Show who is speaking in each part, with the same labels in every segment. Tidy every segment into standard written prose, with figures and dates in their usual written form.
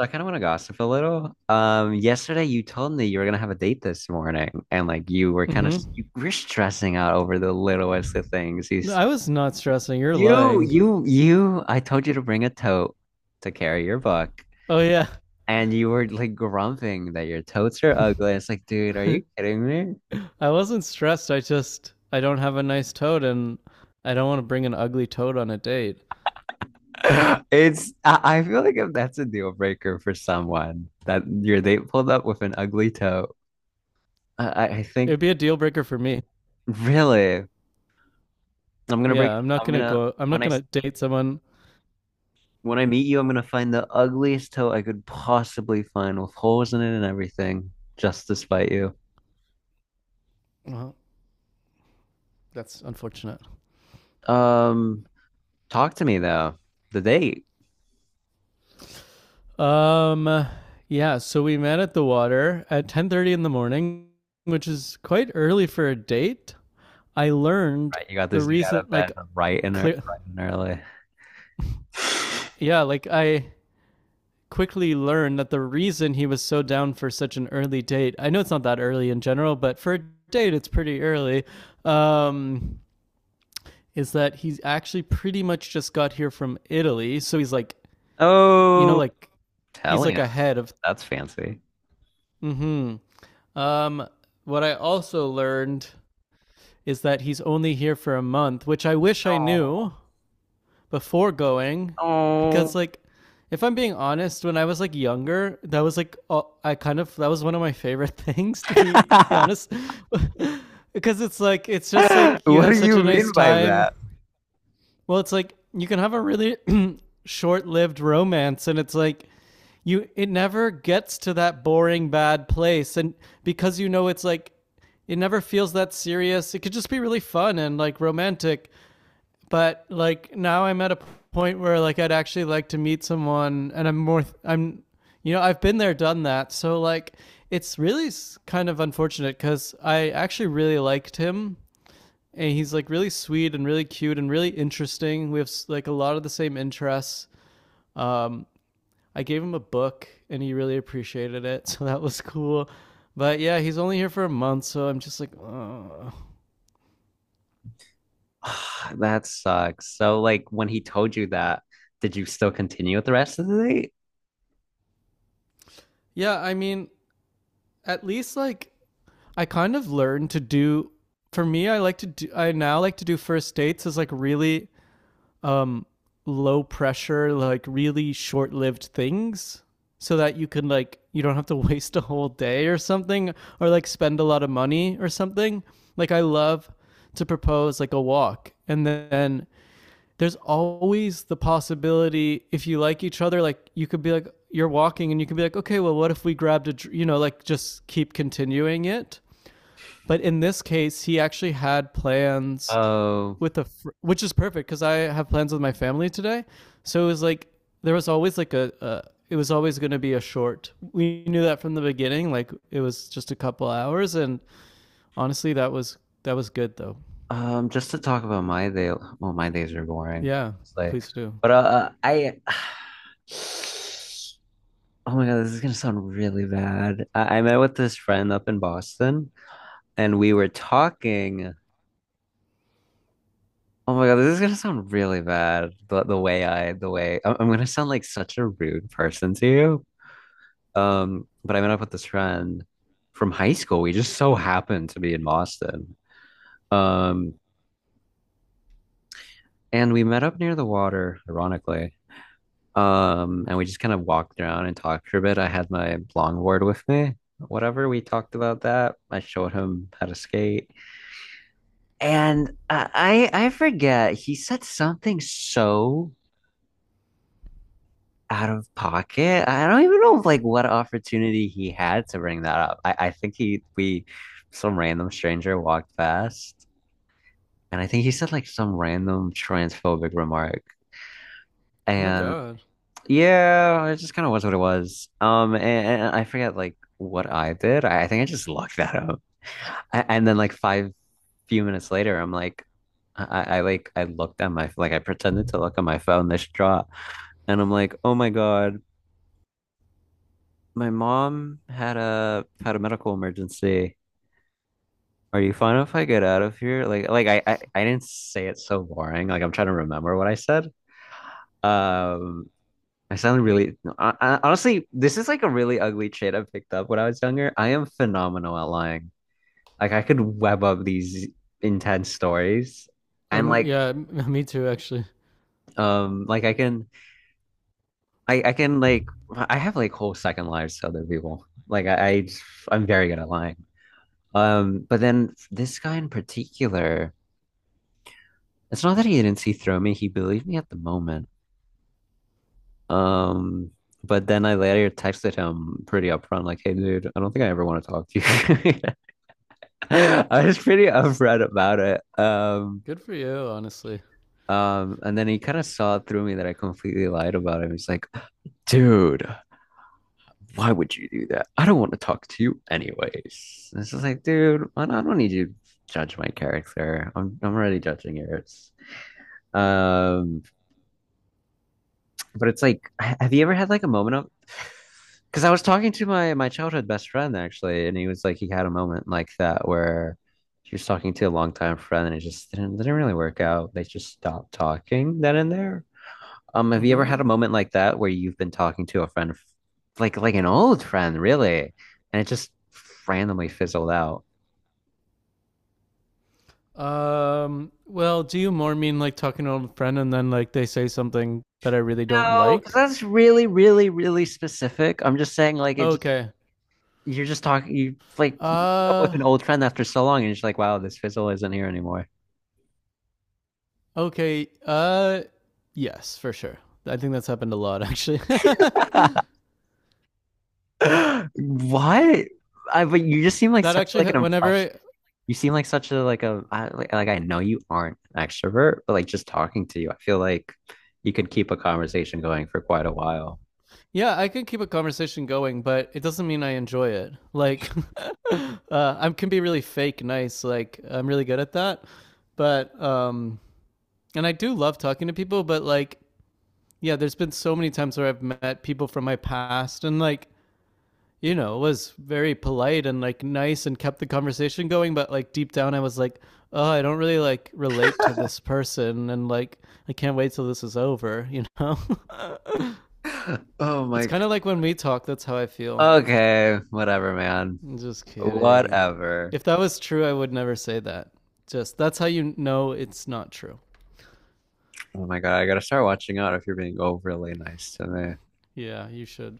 Speaker 1: So I kind of want to gossip a little. Yesterday you told me you were gonna have a date this morning, and like you
Speaker 2: Mm-hmm.
Speaker 1: were stressing out over the littlest of things. You,
Speaker 2: No,
Speaker 1: s-
Speaker 2: I was not stressing. You're
Speaker 1: you,
Speaker 2: lying.
Speaker 1: you, you. I told you to bring a tote to carry your book,
Speaker 2: Oh yeah,
Speaker 1: and you were like grumping that your totes are ugly. It's like, dude, are you kidding me?
Speaker 2: I wasn't stressed. I just I don't have a nice toad, and I don't want to bring an ugly toad on a date.
Speaker 1: It's. I feel like if that's a deal breaker for someone, that your date pulled up with an ugly tote, I think
Speaker 2: It'd be a deal breaker for me.
Speaker 1: really, I'm gonna break.
Speaker 2: Yeah, I'm not
Speaker 1: I'm
Speaker 2: gonna
Speaker 1: gonna
Speaker 2: go. I'm
Speaker 1: when
Speaker 2: not
Speaker 1: I.
Speaker 2: gonna date someone.
Speaker 1: When I meet you, I'm gonna find the ugliest toe I could possibly find with holes in it and everything, just to spite you.
Speaker 2: Well, that's unfortunate.
Speaker 1: Um, Talk to me though. The date,
Speaker 2: Um, yeah. So we met at the water at 10:30 in the morning, which is quite early for a date. I learned
Speaker 1: right? You got
Speaker 2: the
Speaker 1: this dude out
Speaker 2: reason,
Speaker 1: of
Speaker 2: like,
Speaker 1: bed right in
Speaker 2: clear.
Speaker 1: right and early.
Speaker 2: Yeah, like I quickly learn that the reason he was so down for such an early date, I know it's not that early in general, but for a date it's pretty early, um, is that he's actually pretty much just got here from Italy. So he's like, you know,
Speaker 1: Oh,
Speaker 2: like he's like
Speaker 1: Italian.
Speaker 2: ahead of.
Speaker 1: That's fancy.
Speaker 2: Mm-hmm. um, what I also learned is that he's only here for a month, which I wish I
Speaker 1: Oh,
Speaker 2: knew before going, because
Speaker 1: oh.
Speaker 2: like, if I'm being honest, when I was like younger, that was like I kind of that was one of my favorite things, to be honest, because it's like, it's just like you
Speaker 1: What do
Speaker 2: have such
Speaker 1: you
Speaker 2: a nice
Speaker 1: mean by
Speaker 2: time.
Speaker 1: that?
Speaker 2: Well, it's like you can have a really short-lived romance, and it's like you, it never gets to that boring bad place, and because you know it's like it never feels that serious. It could just be really fun and like romantic, but like now I'm at a point where like I'd actually like to meet someone, and I'm more I'm, you know, I've been there, done that. So like, it's really kind of unfortunate, because I actually really liked him, and he's like really sweet and really cute and really interesting. We have like a lot of the same interests. Um, I gave him a book, and he really appreciated it, so that was cool. But yeah, he's only here for a month, so I'm just like, oh.
Speaker 1: That sucks. So, like, when he told you that, did you still continue with the rest of the date?
Speaker 2: Yeah. I mean, at least like, I kind of learned to do, for me I like to do, I now like to do first dates as like really um low pressure, like really short-lived things, so that you can like, you don't have to waste a whole day or something, or like spend a lot of money or something. Like I love to propose like a walk, and then there's always the possibility if you like each other, like you could be like, you're walking and you can be like, okay, well what if we grabbed a, you know, like just keep continuing it. But in this case, he actually had plans
Speaker 1: Oh.
Speaker 2: with a, which is perfect because I have plans with my family today. So it was like there was always like a it was always going to be a short. We knew that from the beginning. Like it was just a couple hours, and honestly, that was good though.
Speaker 1: Just to talk about my day, well, my days are boring.
Speaker 2: Yeah,
Speaker 1: It's like,
Speaker 2: please do.
Speaker 1: but I, oh my God, this is gonna sound really bad. I met with this friend up in Boston, and we were talking. Oh my God, this is gonna sound really bad. The way I'm gonna sound like such a rude person to you. But I met up with this friend from high school. We just so happened to be in Boston. Um, and we met up near the water, ironically. And we just kind of walked around and talked for a bit. I had my longboard with me. Whatever, we talked about that. I showed him how to skate. And I forget, he said something so out of pocket. I don't even know like what opportunity he had to bring that up. I think he we some random stranger walked past and I think he said like some random transphobic remark.
Speaker 2: Oh my
Speaker 1: And
Speaker 2: god.
Speaker 1: yeah, it just kind of was what it was. And I forget like what I did. I think I just looked that up. A- And then like five few minutes later, I'm like, I, like I looked at my like I pretended to look at my phone this distraught, and I'm like, oh my God, my mom had a medical emergency. Are you fine if I get out of here? I didn't say it so boring. Like I'm trying to remember what I said. Um, I sound really, no, I, Honestly, this is like a really ugly trait I picked up when I was younger. I am phenomenal at lying. Like I could web up these intense stories and oh, like,
Speaker 2: Yeah. Me too. Actually.
Speaker 1: um, like I can, I can like, I have like whole second lives to other people. I'm very good at lying. But then this guy in particular, it's not that he didn't see through me. He believed me at the moment. Um, But then I later texted him pretty upfront, like, "Hey, dude, I don't think I ever want to talk to you." I was pretty upfront about it.
Speaker 2: Good for you. Honestly.
Speaker 1: And then he kind of saw through me that I completely lied about him. He's like, dude, why would you do that? I don't want to talk to you anyways. And it's just like, dude, I don't need you to judge my character. I'm already judging yours. Um, But it's like, have you ever had like a moment of? Because I was talking to my childhood best friend actually, and he was like, he had a moment like that where he was talking to a longtime friend, and it just didn't really work out. They just stopped talking then and there. Have you ever
Speaker 2: Mm-hmm.
Speaker 1: had a moment like that where you've been talking to a friend, like an old friend, really, and it just randomly fizzled out?
Speaker 2: Well, do you more mean like talking to an old friend and then like they say something that I really don't
Speaker 1: No, because
Speaker 2: like?
Speaker 1: that's really, really, really specific. I'm just saying, like, it just
Speaker 2: Okay.
Speaker 1: you're just talking you like you meet up with
Speaker 2: Uh,
Speaker 1: an old friend after so long and you're just like wow this fizzle isn't here anymore.
Speaker 2: okay. Uh, yes, for sure. I think that's happened a lot actually.
Speaker 1: What I but you just seem like such like an
Speaker 2: Whenever
Speaker 1: impression
Speaker 2: I,
Speaker 1: you seem like such a like a I, like I know you aren't an extrovert but like just talking to you I feel like you could keep a conversation going for quite a while.
Speaker 2: yeah, I can keep a conversation going, but it doesn't mean I enjoy it. Like, I can be really fake nice, like I'm really good at that. But and I do love talking to people, but like, yeah, there's been so many times where I've met people from my past and like, you know, was very polite and like nice and kept the conversation going. But like deep down, I was like, oh, I don't really like relate to this person. And like, I can't wait till this is over, you know?
Speaker 1: Oh
Speaker 2: It's
Speaker 1: my,
Speaker 2: kind of like when we talk, that's how I feel.
Speaker 1: okay, whatever man,
Speaker 2: I'm just kidding.
Speaker 1: whatever.
Speaker 2: If that was true, I would never say that. Just that's how you know it's not true.
Speaker 1: Oh my god, I gotta start watching out if you're being overly nice to me.
Speaker 2: Yeah, you should.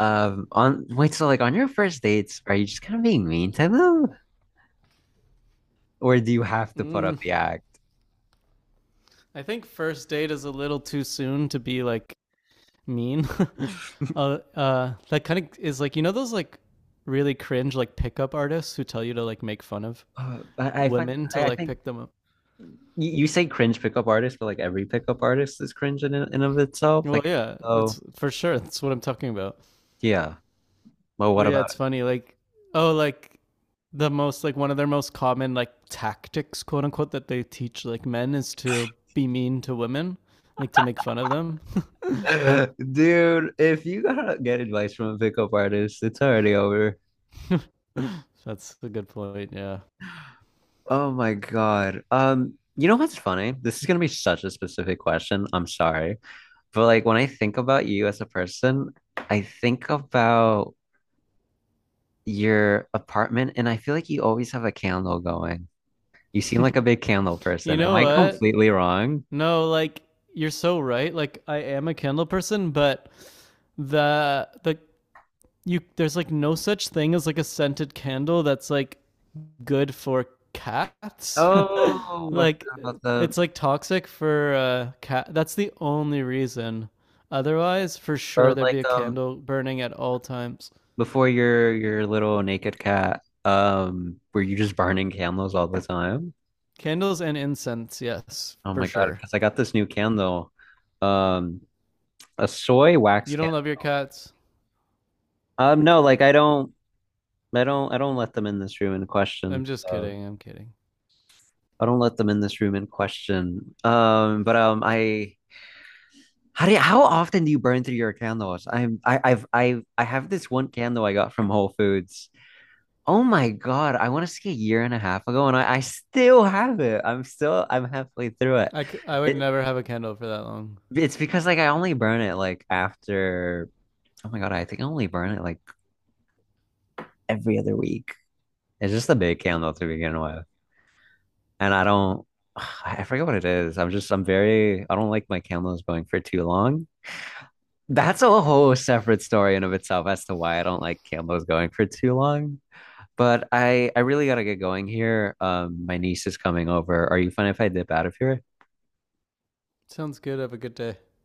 Speaker 1: On wait, so like on your first dates, are you just kind of being mean to them, or do you have to put up
Speaker 2: Mm,
Speaker 1: the act?
Speaker 2: I think first date is a little too soon to be like mean. That kind of is like, you know those like really cringe like pickup artists who tell you to like make fun of
Speaker 1: Uh, I, I find
Speaker 2: women to
Speaker 1: I, I
Speaker 2: like
Speaker 1: think
Speaker 2: pick them up.
Speaker 1: you say cringe pickup artist, but like every pickup artist is cringe in and of itself.
Speaker 2: Well,
Speaker 1: Like,
Speaker 2: yeah,
Speaker 1: oh
Speaker 2: that's for sure. That's what I'm talking about.
Speaker 1: yeah. Well,
Speaker 2: But
Speaker 1: what
Speaker 2: yeah,
Speaker 1: about
Speaker 2: it's funny. Like, oh, like the most like one of their most common like tactics, quote unquote, that they teach like men is to be mean to women, like to make fun of them.
Speaker 1: it? Dude, if you gotta get advice from a pickup artist, it's already over.
Speaker 2: That's a good point. Yeah.
Speaker 1: Oh my God. You know what's funny? This is gonna be such a specific question. I'm sorry. But like when I think about you as a person, I think about your apartment, and I feel like you always have a candle going. You seem like a big candle
Speaker 2: You
Speaker 1: person. Am
Speaker 2: know
Speaker 1: I, oh,
Speaker 2: what?
Speaker 1: completely wrong?
Speaker 2: No, like, you're so right. Like I am a Kindle person, but the you, there's like no such thing as like a scented candle that's like good for cats.
Speaker 1: Oh, I
Speaker 2: Like
Speaker 1: forgot about the
Speaker 2: it's like toxic for cat. That's the only reason. Otherwise, for sure
Speaker 1: but
Speaker 2: there'd
Speaker 1: like
Speaker 2: be a candle burning at all times.
Speaker 1: before your little naked cat, were you just burning candles all the time?
Speaker 2: Candles and incense, yes,
Speaker 1: Oh
Speaker 2: for
Speaker 1: my God,
Speaker 2: sure.
Speaker 1: because I got this new candle, um, a soy wax
Speaker 2: You don't
Speaker 1: candle.
Speaker 2: love your cats?
Speaker 1: Um, no, like I don't, I don't let them in this room in
Speaker 2: I'm
Speaker 1: question.
Speaker 2: just
Speaker 1: So
Speaker 2: kidding. I'm kidding.
Speaker 1: I don't let them in this room in question. But I how how often do you burn through your candles? I have this one candle I got from Whole Foods. Oh my God, I want to say a year and a half ago, and I still have it. I'm halfway through it.
Speaker 2: I would
Speaker 1: It
Speaker 2: never have a candle for that long.
Speaker 1: it's because like I only burn it like after oh my God, I think I only burn it like every other week. It's just a big candle to begin with. And I don't I forget what it is. I'm just I'm very I don't like my candles going for too long. That's a whole separate story in of itself as to why I don't like Campbell's going for too long. But I really gotta get going here. My niece is coming over. Are you fine if I dip out of here?
Speaker 2: Sounds good. Have a good day.